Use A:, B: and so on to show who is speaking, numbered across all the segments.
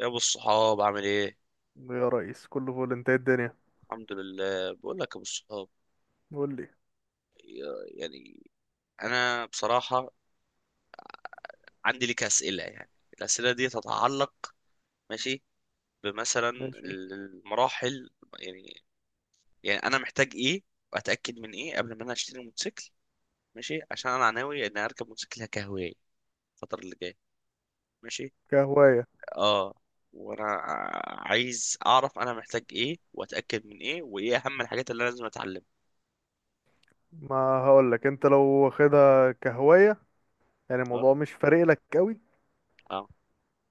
A: يا ابو الصحاب، عامل ايه؟
B: يا ريس كله فول، انت ايه الدنيا؟
A: الحمد لله، بقول لك يا ابو الصحاب.
B: قول لي.
A: يعني انا بصراحه عندي لك اسئله، يعني الاسئله دي تتعلق، ماشي، بمثلا
B: ماشي.
A: المراحل، يعني يعني انا محتاج ايه واتاكد من ايه قبل ما انا اشتري موتوسيكل؟ ماشي. عشان انا ناوي ان اركب موتوسيكل كهوايه الفتره اللي جايه. ماشي.
B: كهواية.
A: اه. وانا عايز اعرف انا محتاج ايه واتاكد من ايه وايه اهم الحاجات اللي انا لازم اتعلمها.
B: ما هقول لك انت لو واخدها كهواية يعني
A: اه.
B: الموضوع مش فارق لك قوي.
A: اه.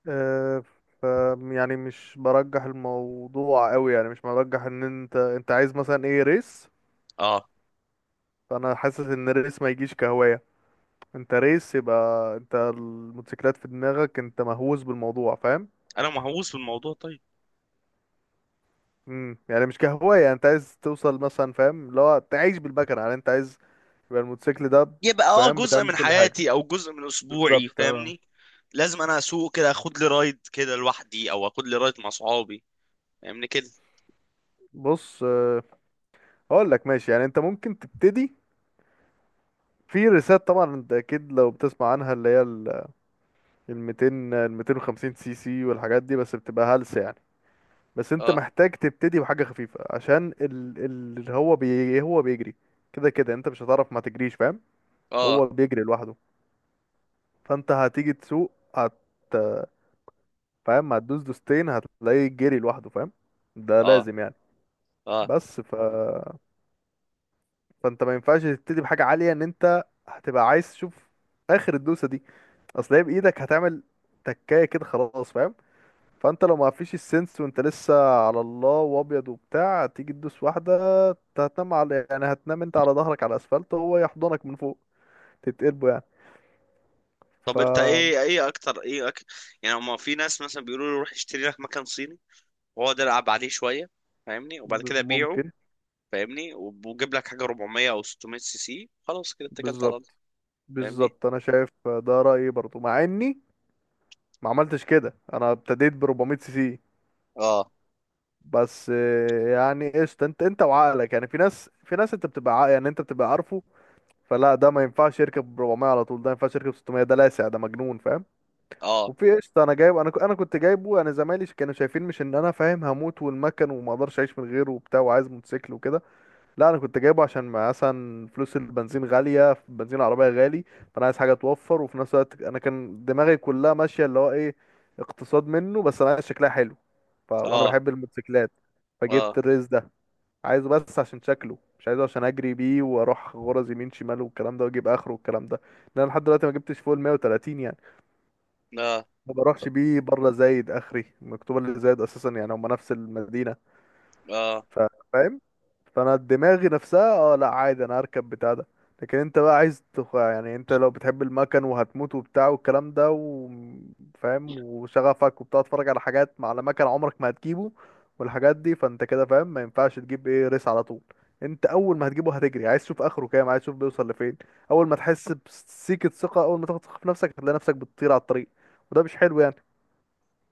B: اه. ف يعني مش برجح الموضوع قوي، يعني مش برجح ان انت عايز مثلا ايه ريس.
A: اه.
B: فانا حاسس ان الريس ما يجيش كهواية. انت ريس، يبقى انت الموتوسيكلات في دماغك، انت مهووس بالموضوع، فاهم؟
A: انا مهووس بالموضوع. طيب.
B: يعني مش كهواية، يعني انت عايز توصل مثلا، فاهم اللي هو تعيش بالمكنة، يعني انت عايز يبقى الموتوسيكل ده.
A: يبقى،
B: فاهم،
A: جزء
B: بتعمل
A: من
B: كل حاجة.
A: حياتي او جزء من اسبوعي،
B: بالظبط. اه.
A: فاهمني. لازم انا اسوق كده، اخد لي رايد كده لوحدي او اخد لي رايد مع صحابي. فاهمني كده؟
B: بص، هقول لك ماشي، يعني انت ممكن تبتدي. في ريسات طبعا انت اكيد لو بتسمع عنها اللي هي ال 200، ال 250 سي سي والحاجات دي، بس بتبقى هلس يعني. بس انت
A: اه.
B: محتاج تبتدي بحاجة خفيفة عشان اللي هو هو بيجري. كده كده انت مش هتعرف ما تجريش، فاهم؟
A: اه.
B: هو بيجري لوحده. فانت هتيجي تسوق، فاهم، هتدوس دوستين هتلاقيه جري لوحده، فاهم؟ ده
A: اه.
B: لازم يعني.
A: اه.
B: بس فانت ما ينفعش تبتدي بحاجه عاليه، ان انت هتبقى عايز تشوف اخر الدوسه دي. اصل هي بايدك هتعمل تكايه كده، خلاص، فاهم؟ فانت لو ما فيش السنس وانت لسه على الله وابيض وبتاع، تيجي تدوس واحده، انت هتنام على، يعني هتنام انت على ظهرك على الاسفلت وهو يحضنك من فوق، تتقلبه يعني.
A: طب، انت ايه اكتر ايه، يعني ما في ناس مثلا بيقولوا لي روح اشتري لك مكان صيني، واقعد العب عليه شويه، فاهمني؟ وبعد كده بيعه.
B: فممكن.
A: فاهمني؟ وجيب لك حاجه 400 او 600 سي سي، خلاص كده اتكلت على الله.
B: بالظبط.
A: فاهمني؟
B: بالظبط انا شايف ده رايي برضو مع اني ما عملتش كده. انا ابتديت ب 400 سي سي.
A: اه.
B: بس يعني قشطة. انت انت وعقلك، يعني في ناس انت بتبقى يعني انت بتبقى عارفه، فلا، ده ما ينفعش يركب 400 على طول، ده ما ينفعش يركب 600، ده لاسع، ده مجنون، فاهم؟
A: اه.
B: وفي قشطة. انا جايب، انا انا كنت جايبه يعني، زمايلي كانوا شايفين مش ان انا فاهم هموت والمكن وما اقدرش اعيش من غيره وبتاع وعايز موتوسيكل وكده. لا، انا كنت جايبه عشان مثلا فلوس البنزين غاليه، بنزين العربيه غالي. فانا عايز حاجه توفر، وفي نفس الوقت انا كان دماغي كلها ماشيه اللي هو ايه، اقتصاد منه، بس انا عايز شكلها حلو. وانا
A: اه.
B: بحب الموتوسيكلات.
A: اه.
B: فجبت الريس ده عايزه بس عشان شكله، مش عايزه عشان اجري بيه واروح غرز يمين شمال والكلام ده، واجيب اخره والكلام ده. لان أنا لحد دلوقتي ما جبتش فوق ال 130 يعني.
A: اه.
B: ما بروحش بيه بره زايد، اخري مكتوب اللي زايد اساسا يعني هما نفس المدينه.
A: اه.
B: ف- فاهم. فانا دماغي نفسها اه لا عادي، انا هركب بتاع ده. لكن انت بقى عايز يعني انت لو بتحب المكن وهتموت وبتاع والكلام ده وفاهم وشغفك وبتاع، تتفرج على حاجات على مكن عمرك ما هتجيبه والحاجات دي، فانت كده فاهم ما ينفعش تجيب ايه ريس على طول. انت اول ما هتجيبه هتجري عايز تشوف اخره كام، عايز تشوف بيوصل لفين. اول ما تحس بسيكة ثقة، اول ما تاخد ثقة في نفسك، هتلاقي نفسك بتطير على الطريق. وده مش حلو يعني.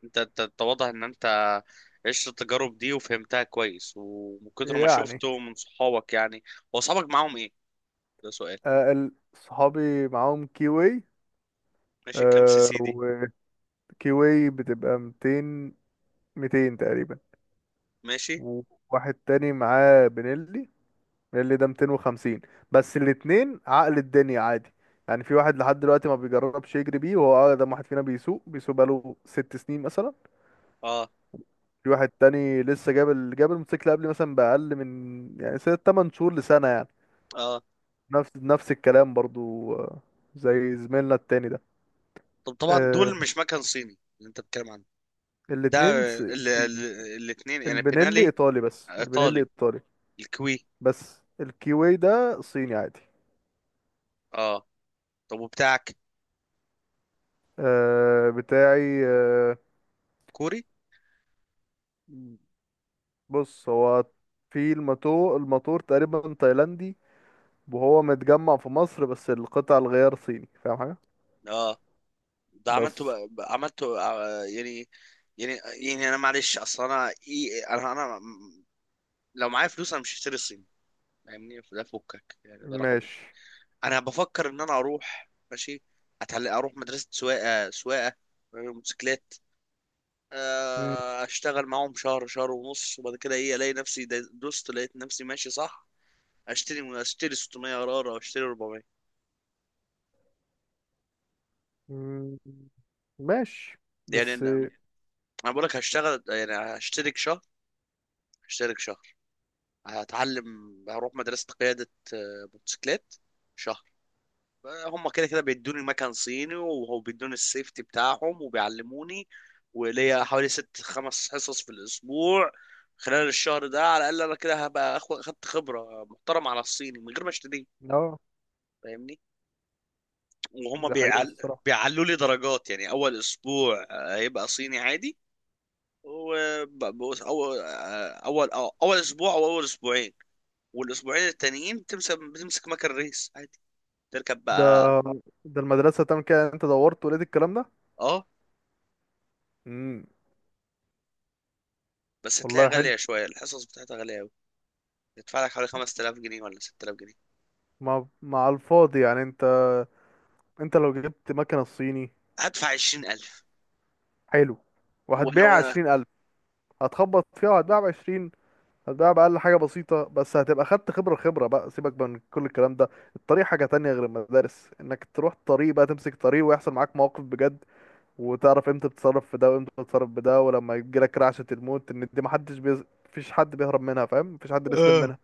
A: انت واضح ان انت عشت التجارب دي وفهمتها كويس، ومن كتر ما
B: يعني.
A: شفته من صحابك، يعني. هو صحابك معاهم ايه؟ ده سؤال.
B: آه، صحابي معاهم
A: ماشي. كام سي سي دي؟
B: كيوي. كيوي بتبقى 200. 200 تقريبا.
A: ماشي.
B: وواحد تاني معاه بنيلي. بنيلي ده 250. بس الاتنين عقل الدنيا عادي، يعني في واحد لحد دلوقتي ما بيجربش يجري بيه وهو أقدم واحد فينا بيسوق، بيسوق بقاله 6 سنين مثلا.
A: اه.
B: في واحد تاني لسه جاب جاب الموتوسيكل قبل مثلا بأقل من يعني ست تمن شهور لسنة يعني.
A: اه.
B: نفس الكلام برضو، آه. زي زميلنا التاني ده.
A: طب، طبعا
B: آه،
A: دول مش مكن صيني اللي انت بتتكلم عنه؟ ده
B: الاتنين
A: ال... ال...
B: صيني.
A: الاتنين، يعني،
B: البنيلي
A: بينالي؟
B: إيطالي، بس البنيلي
A: ايطالي؟
B: إيطالي.
A: الكوي؟
B: بس الكيوي ده صيني عادي.
A: اه. طب وبتاعك
B: آه، بتاعي آه.
A: كوري؟
B: بص، هو في الماتور تقريبا تايلاندي، وهو متجمع في مصر، بس القطع الغيار صيني، فاهم حاجة.
A: اه، ده عملته
B: بس.
A: بقى، عملته، آه، يعني. يعني انا معلش، اصل انا، إيه، انا لو معايا فلوس انا مش هشتري صيني. فاهمني؟ فده فكك، يعني ده رقم واحد.
B: ماشي.
A: انا بفكر ان انا اروح، ماشي، اتعلم، اروح مدرسه سواقه، موتوسيكلات.
B: مم.
A: اشتغل معاهم شهر، شهر ونص، وبعد كده، الاقي نفسي دوست، لقيت نفسي ماشي صح. اشتري 600، قرار، او اشتري 400.
B: مم. ماشي.
A: يعني
B: بس.
A: انا بقول لك هشتغل، يعني هشترك شهر، هشترك شهر هتعلم، هروح مدرسه قياده، موتوسيكلات، شهر. هم كده كده بيدوني مكان صيني، وهو بيدوني السيفتي بتاعهم وبيعلموني. وليا حوالي ست، خمس حصص في الاسبوع، خلال الشهر ده. على الاقل انا كده هبقى اخدت خبره محترمه على الصيني من غير ما اشتريه.
B: اه.
A: فاهمني؟ وهم
B: ده حقيقة الصراحة.
A: بيعلوا لي درجات، يعني اول اسبوع هيبقى صيني عادي. وأول أول آه، أول آه، أول أسبوع أو أول أسبوعين، والأسبوعين التانيين بتمسك مكن ريس عادي، تركب
B: ده
A: بقى.
B: ده المدرسة تعمل كده؟ انت دورت ولقيت الكلام ده؟
A: أه.
B: مم.
A: بس هتلاقي
B: والله حلو.
A: غالية شوية، الحصص بتاعتها غالية، يدفع لك حوالي 5000 جنيه ولا 6000 جنيه.
B: مع الفاضي يعني، انت انت لو جبت مكنة صيني.
A: هدفع 20000.
B: حلو.
A: ولو
B: وهتبيع
A: انا،
B: 20,000. هتخبط فيها وهتبيع بعشرين، هتبيع بأقل حاجة بسيطة، بس هتبقى خدت خبرة. خبرة بقى، سيبك بقى من كل الكلام ده. الطريق حاجة تانية غير المدارس، انك تروح طريق بقى، تمسك طريق ويحصل معاك مواقف بجد، وتعرف امتى تتصرف في ده وامتى تتصرف بده، ولما يجيلك رعشة الموت، ان دي محدش مفيش حد بيهرب منها، فاهم؟ مفيش حد بيسلم
A: اه،
B: منها.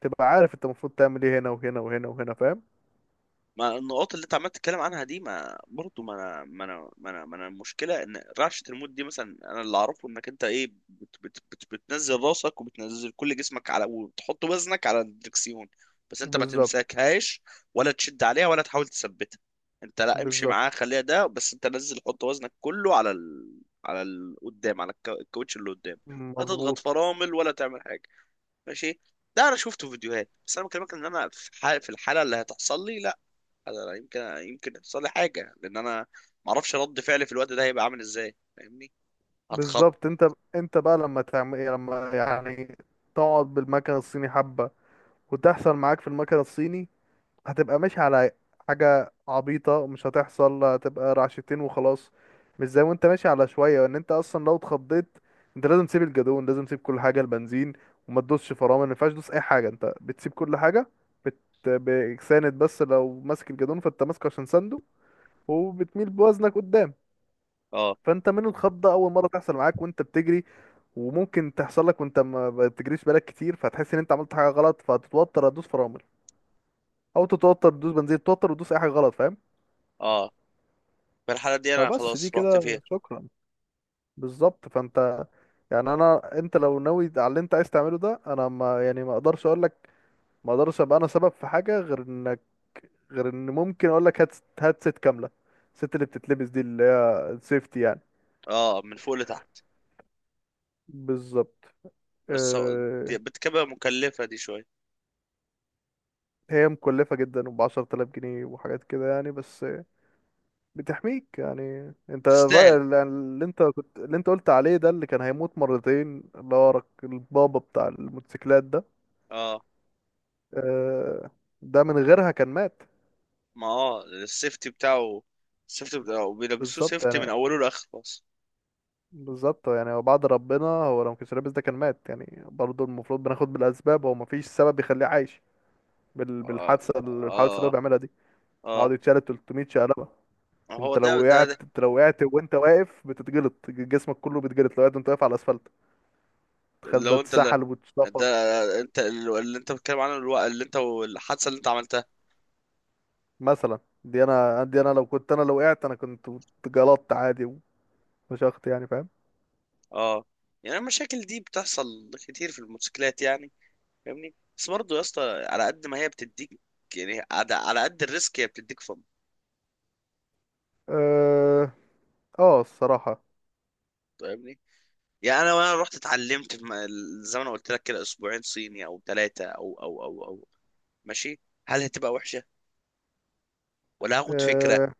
B: تبقى عارف انت المفروض تعمل ايه هنا وهنا وهنا وهنا، فاهم؟
A: ما النقاط اللي انت عمال تتكلم عنها دي، ما برضه ما انا المشكله، ان رعشه الموت دي مثلا، انا اللي اعرفه انك انت، ايه، بت بت بت بتنزل راسك، وبتنزل كل جسمك على، وتحط وزنك على الدركسيون، بس انت ما
B: بالظبط.
A: تمسكهاش، ولا تشد عليها، ولا تحاول تثبتها. انت لا، امشي معاها،
B: بالظبط.
A: خليها، ده بس انت نزل، حط وزنك كله قدام، على الكاوتش اللي قدام. لا تضغط
B: مظبوط.
A: فرامل ولا تعمل حاجه، ماشي؟ ده انا شفته في فيديوهات، بس انا بكلمك ان انا في في الحاله اللي هتحصل لي، لا، أنا يمكن يحصل لي حاجه لان انا ما اعرفش رد فعلي في الوقت ده هيبقى عامل ازاي، فاهمني؟ هتخض.
B: بالظبط. انت انت بقى لما تعمل ايه، لما يعني تقعد بالمكنة الصيني حبة وتحصل معاك في المكنة الصيني، هتبقى ماشي على حاجة عبيطة. مش هتحصل، هتبقى رعشتين وخلاص. مش زي وانت ماشي على شوية. وان انت اصلا لو اتخضيت، انت لازم تسيب الجدون، لازم تسيب كل حاجة، البنزين، وما تدوسش فرامل، ما ينفعش تدوس اي حاجة، انت بتسيب كل حاجة. بت... بساند. بس لو ماسك الجدون فانت ماسكه عشان سنده، وبتميل بوزنك قدام.
A: اه.
B: فانت منه الخضه اول مره تحصل معاك وانت بتجري، وممكن تحصل لك وانت ما بتجريش بالك كتير، فتحس ان انت عملت حاجه غلط، فتتوتر تدوس فرامل، او تتوتر تدوس بنزين، تتوتر وتدوس اي حاجه غلط، فاهم؟
A: اه. في الحاله دي انا
B: فبس دي
A: خلاص رحت فيها.
B: كده، شكرا. بالظبط. فانت يعني، انا انت لو ناوي على اللي انت عايز تعمله ده، انا ما يعني ما اقدرش اقول لك، ما اقدرش ابقى انا سبب في حاجه، غير انك، غير ان ممكن اقول لك هات، هات ست كامله. الست اللي بتتلبس دي اللي هي السيفتي يعني.
A: اه، من فوق لتحت.
B: بالظبط.
A: بس
B: أه.
A: بتبقى مكلفه دي شويه.
B: هي مكلفة جدا، وبعشرة آلاف جنيه وحاجات كده يعني، بس بتحميك يعني. انت الرأي
A: تستاهل.
B: اللي انت كنت اللي انت قلت عليه ده، اللي كان هيموت مرتين، اللي هو البابا بتاع الموتوسيكلات ده،
A: اه.
B: آه. ده من غيرها كان مات.
A: ما السيفتي بتاعه، السيفتي بتاعه بيلبسوه
B: بالظبط
A: سيفتي من
B: يعني.
A: اوله لاخره، بس.
B: بالظبط يعني هو بعد ربنا، هو لو مكانش لابس ده كان مات يعني، برضه المفروض بناخد بالأسباب، هو مفيش سبب يخليه عايش
A: اه.
B: بالحادثة، الحوادث اللي هو
A: اه.
B: بيعملها دي. يقعد
A: اه.
B: يتشال 300 شقلبة.
A: هو
B: انت
A: ده
B: لو
A: ده,
B: وقعت،
A: ده.
B: انت لو وقعت وانت واقف بتتجلط، جسمك كله بيتجلط لو وقعت وانت واقف على الاسفلت، تخيل ده،
A: لو انت
B: اتسحل واتشفط.
A: ده انت اللي انت بتتكلم عنه، اللي انت، والحادثه اللي انت عملتها.
B: مثلا، دي انا، دي انا لو كنت، انا لو وقعت انا كنت اتجلطت عادي، وفشخت يعني، فاهم؟
A: اه. يعني المشاكل دي بتحصل كتير في الموتوسيكلات، يعني، فاهمني؟ بس برضه يا اسطى، على قد ما هي بتديك، يعني، على قد الريسك هي بتديك فن.
B: اه. اه الصراحة.
A: فاهمني؟ يعني انا، وانا رحت اتعلمت في زي ما انا قلت لك كده، اسبوعين صيني او ثلاثه، او او او او ماشي، هل هتبقى وحشه، ولا هاخد فكره؟
B: اه.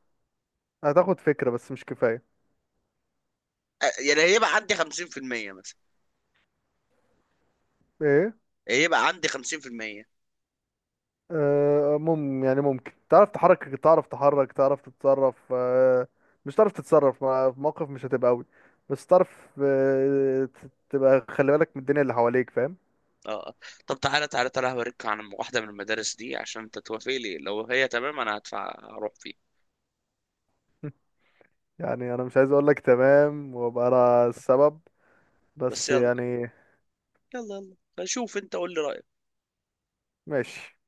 B: هتاخد فكرة بس مش كفاية.
A: يعني هيبقى عندي 50%، مثلا.
B: ايه؟
A: هيبقى عندي 50%.
B: اه، يعني ممكن تعرف تحرك، تعرف تحرك، تعرف تتصرف، اه. مش تعرف تتصرف، في موقف مش هتبقى قوي. بس تعرف، اه، تبقى خلي بالك من الدنيا اللي حواليك، فاهم؟
A: اه. طب تعالى تعالى تعالى، هوريك عن واحدة من المدارس دي، عشان انت توافق لي، لو هي تمام انا هدفع اروح فيه.
B: يعني انا مش عايز اقول لك تمام وابقى انا السبب،
A: بس،
B: بس
A: يلا
B: يعني.
A: يلا يلا، شوف انت، قول لي رأيك.
B: ماشي.